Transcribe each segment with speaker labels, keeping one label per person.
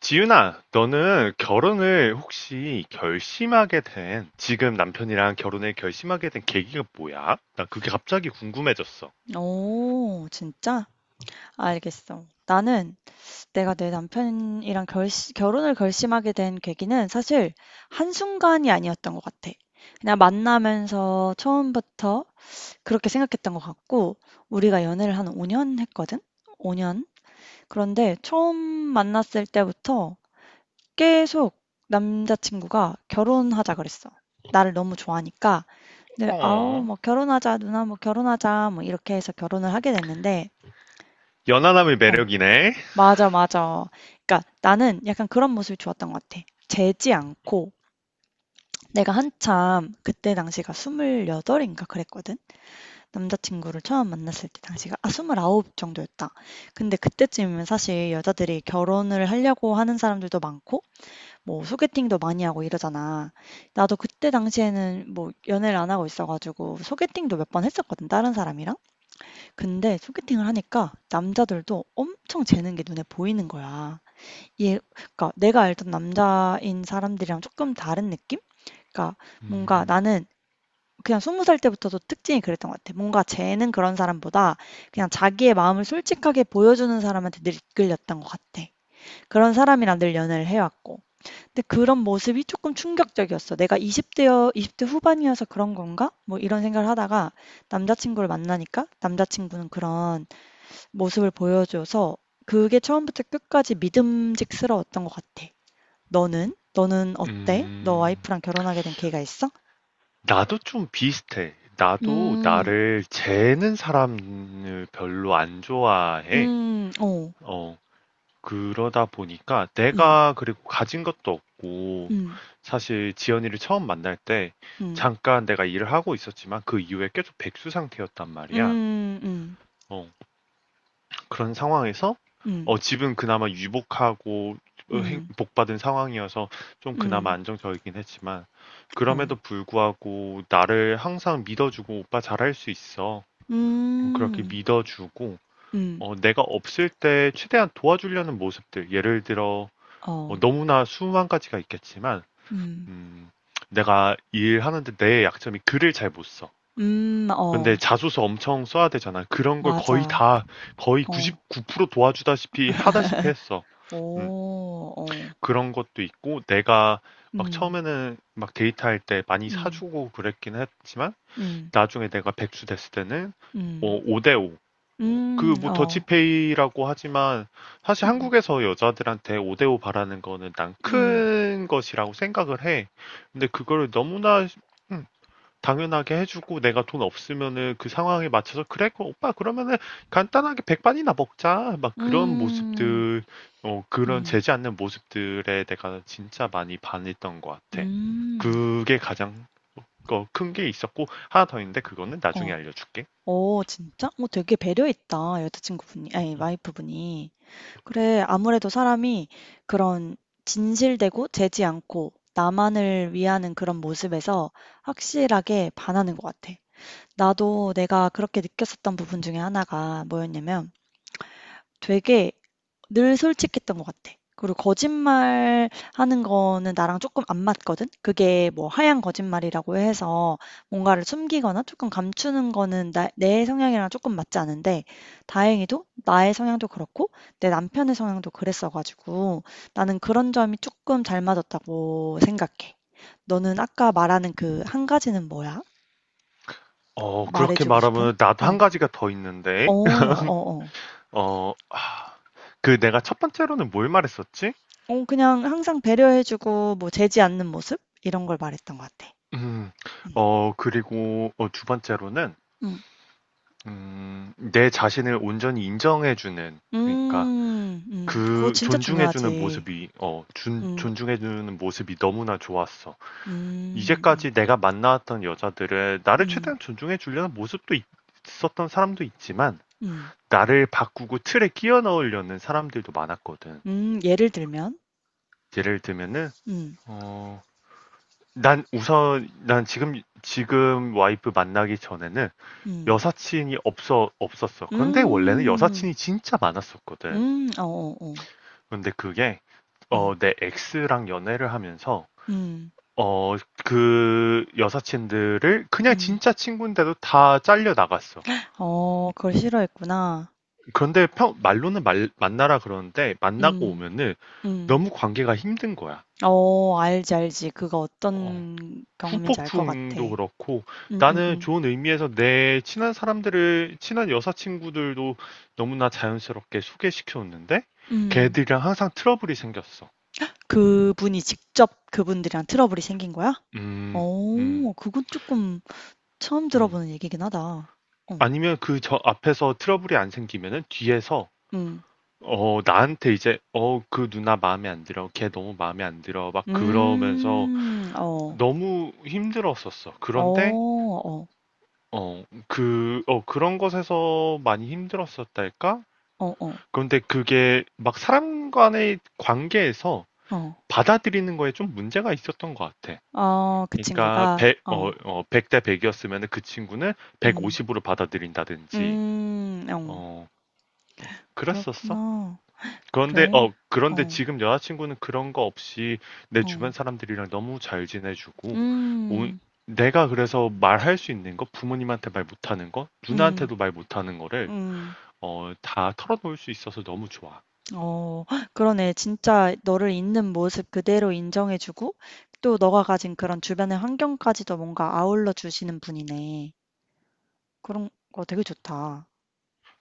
Speaker 1: 지윤아, 너는 결혼을 혹시 결심하게 된, 지금 남편이랑 결혼을 결심하게 된 계기가 뭐야? 나 그게 갑자기 궁금해졌어.
Speaker 2: 오 진짜? 알겠어. 나는 내가 내 남편이랑 결혼을 결심하게 된 계기는 사실 한순간이 아니었던 것 같아. 그냥 만나면서 처음부터 그렇게 생각했던 것 같고, 우리가 연애를 한 5년 했거든? 5년? 그런데 처음 만났을 때부터 계속 남자친구가 결혼하자 그랬어. 나를 너무 좋아하니까 늘
Speaker 1: 어.
Speaker 2: 아우 뭐 결혼하자 누나 뭐 결혼하자 뭐 이렇게 해서 결혼을 하게 됐는데
Speaker 1: 연하남의
Speaker 2: 어,
Speaker 1: 매력이네.
Speaker 2: 맞아, 맞아. 그러니까 나는 약간 그런 모습이 좋았던 것 같아. 재지 않고 내가 한참 그때 당시가 28인가 그랬거든. 남자친구를 처음 만났을 때 당시가 아, 29 정도였다. 근데 그때쯤이면 사실 여자들이 결혼을 하려고 하는 사람들도 많고 뭐 소개팅도 많이 하고 이러잖아. 나도 그때 당시에는 뭐 연애를 안 하고 있어가지고 소개팅도 몇 번 했었거든. 다른 사람이랑. 근데 소개팅을 하니까 남자들도 엄청 재는 게 눈에 보이는 거야. 예. 그러니까 내가 알던 남자인 사람들이랑 조금 다른 느낌? 그러니까 뭔가
Speaker 1: 음,
Speaker 2: 나는 그냥 스무 살 때부터도 특징이 그랬던 것 같아. 뭔가 쟤는 그런 사람보다 그냥 자기의 마음을 솔직하게 보여주는 사람한테 늘 이끌렸던 것 같아. 그런 사람이랑 늘 연애를 해 왔고. 근데 그런 모습이 조금 충격적이었어. '내가 이십 대여 20대 후반이어서 그런 건가?' 뭐 이런 생각을 하다가 남자 친구를 만나니까 남자 친구는 그런 모습을 보여줘서 그게 처음부터 끝까지 믿음직스러웠던 것 같아. 너는? 너는 어때? 너
Speaker 1: 음,
Speaker 2: 와이프랑 결혼하게 된 계획이 있어?
Speaker 1: 나도 좀 비슷해. 나도
Speaker 2: 음.
Speaker 1: 나를 재는 사람을 별로 안 좋아해.
Speaker 2: 음. 어.
Speaker 1: 어, 그러다 보니까
Speaker 2: 음.
Speaker 1: 내가 그리고 가진 것도 없고
Speaker 2: 음.
Speaker 1: 사실 지연이를 처음 만날 때
Speaker 2: 음.
Speaker 1: 잠깐 내가 일을 하고 있었지만 그 이후에 계속 백수 상태였단 말이야.
Speaker 2: 음. 음.
Speaker 1: 어, 그런 상황에서
Speaker 2: 음.
Speaker 1: 집은 그나마 유복하고
Speaker 2: 음.
Speaker 1: 복받은 상황이어서 좀 그나마
Speaker 2: 음.
Speaker 1: 안정적이긴 했지만
Speaker 2: 어.
Speaker 1: 그럼에도 불구하고 나를 항상 믿어주고 오빠 잘할 수 있어. 그렇게
Speaker 2: 음.
Speaker 1: 믿어주고
Speaker 2: 음.
Speaker 1: 내가 없을 때 최대한 도와주려는 모습들 예를 들어
Speaker 2: 어.
Speaker 1: 너무나 수만 가지가 있겠지만,
Speaker 2: 음.
Speaker 1: 음, 내가 일하는데 내 약점이 글을 잘 못 써.
Speaker 2: 음.
Speaker 1: 근데
Speaker 2: 어.
Speaker 1: 자소서 엄청 써야 되잖아. 그런 걸 거의
Speaker 2: 맞아.
Speaker 1: 다, 거의
Speaker 2: 어.
Speaker 1: 99% 도와주다시피 하다시피 했어. 음,
Speaker 2: 오. 어.
Speaker 1: 그런 것도 있고, 내가 막
Speaker 2: 음.
Speaker 1: 처음에는 막 데이트할 때 많이
Speaker 2: 음.
Speaker 1: 사주고 그랬긴 했지만,
Speaker 2: 음.
Speaker 1: 나중에 내가 백수 됐을 때는
Speaker 2: 음.
Speaker 1: 5대5, 그
Speaker 2: 음.
Speaker 1: 뭐
Speaker 2: 어.
Speaker 1: 더치페이라고 하지만 사실
Speaker 2: 음.
Speaker 1: 한국에서 여자들한테 5대5 바라는 거는 난
Speaker 2: 음.
Speaker 1: 큰 것이라고 생각을 해. 근데 그거를 너무나 음, 당연하게 해주고 내가 돈 없으면은 그 상황에 맞춰서 그래 그 오빠 그러면은 간단하게 백반이나 먹자 막 그런
Speaker 2: 음.
Speaker 1: 모습들 그런
Speaker 2: 음.
Speaker 1: 재지 않는 모습들에 내가 진짜 많이 반했던 것 같아.
Speaker 2: 음.
Speaker 1: 그게 가장 큰 게 있었고 하나 더 있는데 그거는 나중에
Speaker 2: 어.
Speaker 1: 알려줄게.
Speaker 2: 어 진짜? 어 되게 배려있다. 여자친구분이 아니 와이프분이. 그래 아무래도 사람이 그런 진실되고 재지 않고 나만을 위하는 그런 모습에서 확실하게 반하는 것 같아. 나도 내가 그렇게 느꼈었던 부분 중에 하나가 뭐였냐면 되게 늘 솔직했던 것 같아. 그리고 거짓말 하는 거는 나랑 조금 안 맞거든? 그게 뭐 하얀 거짓말이라고 해서 뭔가를 숨기거나 조금 감추는 거는 나, 내 성향이랑 조금 맞지 않은데 다행히도 나의 성향도 그렇고 내 남편의 성향도 그랬어가지고 나는 그런 점이 조금 잘 맞았다고 생각해. 너는 아까 말하는 그 한 가지는 뭐야?
Speaker 1: 그렇게
Speaker 2: 말해주고 싶은?
Speaker 1: 말하면 나도
Speaker 2: 어,
Speaker 1: 한 가지가 더
Speaker 2: 어,
Speaker 1: 있는데.
Speaker 2: 어, 어.
Speaker 1: 어 아 내가 첫 번째로는 뭘 말했었지?
Speaker 2: 어, 그냥 항상 배려해주고 뭐 재지 않는 모습? 이런 걸 말했던 것 같아.
Speaker 1: 음. 그리고 두 번째로는
Speaker 2: 음.
Speaker 1: 내 자신을 온전히 인정해 주는 그러니까
Speaker 2: 음. 음. 그거
Speaker 1: 그
Speaker 2: 진짜
Speaker 1: 존중해 주는
Speaker 2: 중요하지.
Speaker 1: 모습이 어 준
Speaker 2: 음.
Speaker 1: 존중해 주는 모습이 너무나 좋았어.
Speaker 2: 음. 음.
Speaker 1: 이제까지 내가 만나왔던 여자들은 나를
Speaker 2: 음.
Speaker 1: 최대한 존중해 주려는 모습도 있 있었던 사람도 있지만
Speaker 2: 음.
Speaker 1: 나를 바꾸고 틀에 끼워 넣으려는 사람들도 많았거든.
Speaker 2: 음. 예를 들면?
Speaker 1: 예를 들면은
Speaker 2: 음.
Speaker 1: 어, 난 우선, 난 지금, 와이프 만나기 전에는
Speaker 2: 음.
Speaker 1: 여사친이 없었어. 그런데 원래는
Speaker 2: 음.
Speaker 1: 여사친이 진짜 많았었거든.
Speaker 2: 음. 어어어.
Speaker 1: 근데 그게,
Speaker 2: 음.
Speaker 1: 내 엑스랑 연애를 하면서,
Speaker 2: 음.
Speaker 1: 어, 그 여사친들을 그냥
Speaker 2: 음.
Speaker 1: 진짜 친구인데도 다 잘려 나갔어.
Speaker 2: 어 그걸 싫어했구나.
Speaker 1: 그런데 만나라 그러는데 만나고
Speaker 2: 음.
Speaker 1: 오면은
Speaker 2: 음.
Speaker 1: 너무 관계가 힘든 거야.
Speaker 2: 어 알지, 알지. 그거
Speaker 1: 어,
Speaker 2: 어떤 경험인지 알 것 같아.
Speaker 1: 후폭풍도 그렇고
Speaker 2: 음.
Speaker 1: 나는
Speaker 2: 음.
Speaker 1: 좋은 의미에서 내 친한 사람들을 친한 여사친구들도 너무나 자연스럽게 소개시켜줬는데
Speaker 2: 음.
Speaker 1: 걔들이랑 항상 트러블이 생겼어.
Speaker 2: 그분이 직접 그분들이랑 트러블이 생긴 거야?
Speaker 1: 음. 음.
Speaker 2: 어 그건 조금 처음
Speaker 1: 응.
Speaker 2: 들어보는 얘기긴 하다. 어.
Speaker 1: 아니면 그 저 앞에서 트러블이 안 생기면은 뒤에서
Speaker 2: 음.
Speaker 1: 나한테 이제 그 누나 마음에 안 들어 걔 너무 마음에 안 들어 막 그러면서
Speaker 2: 음. 어.
Speaker 1: 너무 힘들었었어.
Speaker 2: 어.
Speaker 1: 그런데
Speaker 2: 어.
Speaker 1: 그런 것에서 많이 힘들었었달까.
Speaker 2: 어어.
Speaker 1: 그런데 그게 막 사람 간의 관계에서
Speaker 2: 어.
Speaker 1: 받아들이는 거에 좀 문제가 있었던 것 같아.
Speaker 2: 아 그
Speaker 1: 그러니까
Speaker 2: 친구가?
Speaker 1: 100,
Speaker 2: 어.
Speaker 1: 백대 100이었으면 그 친구는
Speaker 2: 음.
Speaker 1: 150으로 받아들인다든지,
Speaker 2: 음. 어.
Speaker 1: 어, 그랬었어.
Speaker 2: 그렇구나.
Speaker 1: 그런데,
Speaker 2: 그래.
Speaker 1: 어, 그런데
Speaker 2: 어.
Speaker 1: 지금 여자친구는 그런 거 없이 내
Speaker 2: 어.
Speaker 1: 주변 사람들이랑 너무 잘 지내주고, 온-
Speaker 2: 음.
Speaker 1: 내가 그래서 말할 수 있는 거, 부모님한테 말 못하는 거,
Speaker 2: 음.
Speaker 1: 누나한테도 말 못하는 거를,
Speaker 2: 음.
Speaker 1: 다 털어놓을 수 있어서 너무 좋아.
Speaker 2: 어. 그러네. 진짜 너를 있는 모습 그대로 인정해 주고 또 너가 가진 그런 주변의 환경까지도 뭔가 아울러 주시는 분이네. 그런 거 되게 좋다.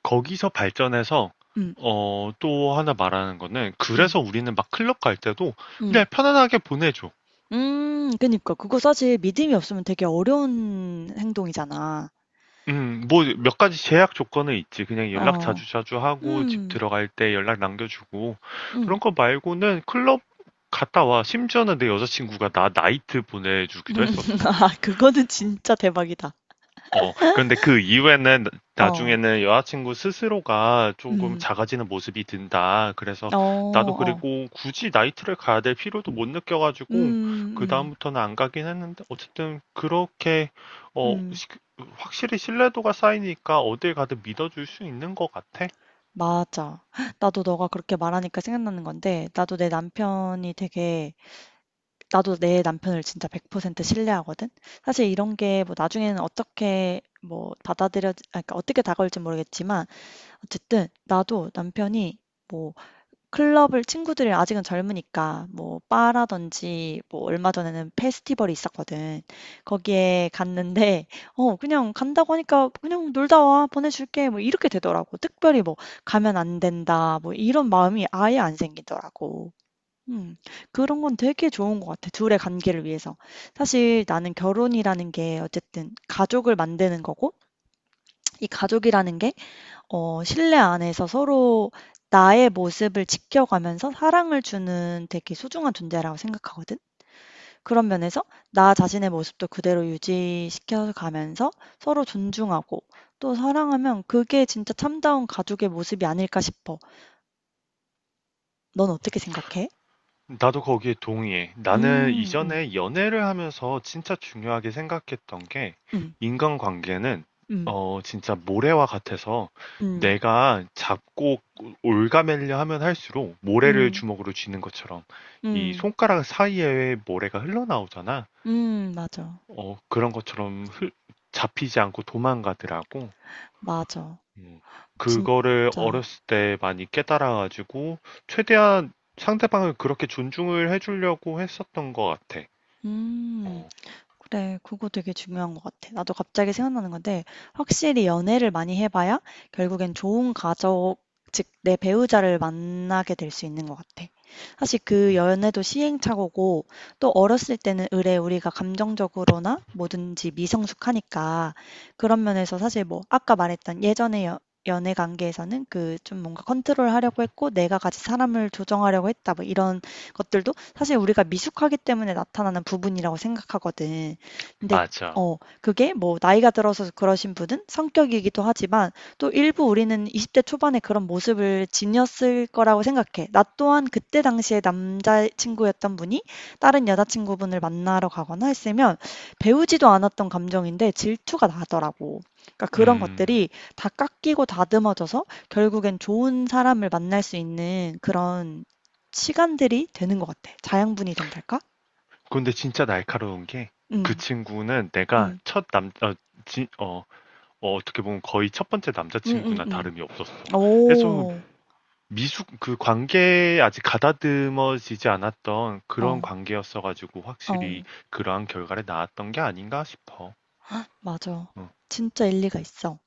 Speaker 1: 거기서 발전해서
Speaker 2: 음.
Speaker 1: 또 하나 말하는 거는
Speaker 2: 음.
Speaker 1: 그래서 우리는 막 클럽 갈 때도
Speaker 2: 음.
Speaker 1: 그냥 편안하게 보내줘.
Speaker 2: 그니까. 그거 사실 믿음이 없으면 되게 어려운 행동이잖아.
Speaker 1: 뭐 몇 가지 제약 조건은 있지. 그냥 연락
Speaker 2: 어.
Speaker 1: 자주 자주 하고 집
Speaker 2: 음.
Speaker 1: 들어갈 때 연락 남겨주고 그런
Speaker 2: 음.
Speaker 1: 거 말고는 클럽 갔다 와. 심지어는 내 여자친구가 나 나이트 보내주기도 했었어.
Speaker 2: 아 그거는 진짜 대박이다.
Speaker 1: 그런데 그 이후에는
Speaker 2: 어.
Speaker 1: 나중에는 여자친구 스스로가 조금
Speaker 2: 음.
Speaker 1: 작아지는 모습이 든다. 그래서
Speaker 2: 어
Speaker 1: 나도
Speaker 2: 어.
Speaker 1: 그리고 굳이 나이트를 가야 될 필요도 못 느껴가지고
Speaker 2: 음음음.
Speaker 1: 그다음부터는 안 가긴 했는데 어쨌든 그렇게 어,
Speaker 2: 음.
Speaker 1: 시- 확실히 신뢰도가 쌓이니까 어딜 가든 믿어줄 수 있는 것 같아.
Speaker 2: 맞아. 나도 너가 그렇게 말하니까 생각나는 건데 나도 내 남편이 되게 나도 내 남편을 진짜 100% 신뢰하거든. 사실 이런 게 뭐 나중에는 어떻게 뭐 받아들여 아 그러니까 어떻게 다가올지 모르겠지만 어쨌든 나도 남편이 뭐 클럽을 친구들이 아직은 젊으니까 뭐 바라든지 뭐 얼마 전에는 페스티벌이 있었거든. 거기에 갔는데 어 그냥 "간다고 하니까 그냥 놀다 와. 보내줄게." 뭐 이렇게 되더라고. 특별히 뭐 '가면 안 된다.' 뭐 이런 마음이 아예 안 생기더라고. 음. 그런 건 되게 좋은 것 같아, 둘의 관계를 위해서. 사실 나는 결혼이라는 게 어쨌든 가족을 만드는 거고 이 가족이라는 게 어 실내 안에서 서로 나의 모습을 지켜가면서 사랑을 주는 되게 소중한 존재라고 생각하거든. 그런 면에서 나 자신의 모습도 그대로 유지시켜 가면서 서로 존중하고 또 사랑하면 그게 진짜 참다운 가족의 모습이 아닐까 싶어. 넌 어떻게 생각해?
Speaker 1: 나도 거기에 동의해. 나는
Speaker 2: 음. 음.
Speaker 1: 이전에 연애를 하면서 진짜 중요하게 생각했던 게
Speaker 2: 음.
Speaker 1: 인간관계는
Speaker 2: 음.
Speaker 1: 진짜 모래와 같아서
Speaker 2: 음.
Speaker 1: 내가 잡고 올가매려 하면 할수록 모래를
Speaker 2: 음.
Speaker 1: 주먹으로 쥐는 것처럼 이
Speaker 2: 음.
Speaker 1: 손가락 사이에 모래가 흘러나오잖아.
Speaker 2: 음. 맞아.
Speaker 1: 그런 것처럼 잡히지 않고 도망가더라고.
Speaker 2: 맞아.
Speaker 1: 음, 그거를
Speaker 2: 진짜.
Speaker 1: 어렸을 때 많이 깨달아가지고 최대한 상대방을 그렇게 존중을 해주려고 했었던 것 같아.
Speaker 2: 음.
Speaker 1: 어,
Speaker 2: 그래, 그거 되게 중요한 것 같아. 나도 갑자기 생각나는 건데, 확실히 연애를 많이 해봐야 결국엔 좋은 가족, 즉, 내 배우자를 만나게 될 수 있는 것 같아. 사실 그 연애도 시행착오고, 또 어렸을 때는 으레 우리가 감정적으로나 뭐든지 미성숙하니까, 그런 면에서 사실 뭐, 아까 말했던 예전의 연애 관계에서는 그 좀 뭔가 컨트롤 하려고 했고, 내가 같이 사람을 조정하려고 했다, 뭐 이런 것들도 사실 우리가 미숙하기 때문에 나타나는 부분이라고 생각하거든. 근데
Speaker 1: 맞아.
Speaker 2: 어 그게 뭐 나이가 들어서 그러신 분은 성격이기도 하지만 또 일부 우리는 20대 초반에 그런 모습을 지녔을 거라고 생각해. 나 또한 그때 당시에 남자 친구였던 분이 다른 여자 친구분을 만나러 가거나 했으면 배우지도 않았던 감정인데 질투가 나더라고. 그러니까 그런
Speaker 1: 음,
Speaker 2: 것들이 다 깎이고 다듬어져서 결국엔 좋은 사람을 만날 수 있는 그런 시간들이 되는 것 같아. 자양분이 된달까?
Speaker 1: 근데 진짜 날카로운 게 그
Speaker 2: 음.
Speaker 1: 친구는 내가
Speaker 2: 음.
Speaker 1: 첫 남, 어, 지, 어, 어, 떻게 보면 거의 첫 번째
Speaker 2: 음음
Speaker 1: 남자친구나 다름이 없었어. 그래서
Speaker 2: 오
Speaker 1: 그 관계에 아직 가다듬어지지 않았던 그런
Speaker 2: 어.
Speaker 1: 관계였어가지고 확실히
Speaker 2: 어.
Speaker 1: 그러한 결과를 낳았던 게 아닌가 싶어.
Speaker 2: 맞아.
Speaker 1: 어.
Speaker 2: 진짜 일리가 있어.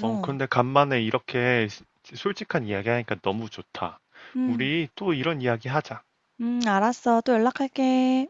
Speaker 1: 근데 간만에 이렇게 솔직한 이야기 하니까 너무 좋다.
Speaker 2: 음.
Speaker 1: 우리 또 이런 이야기 하자.
Speaker 2: 알았어. 또 연락할게.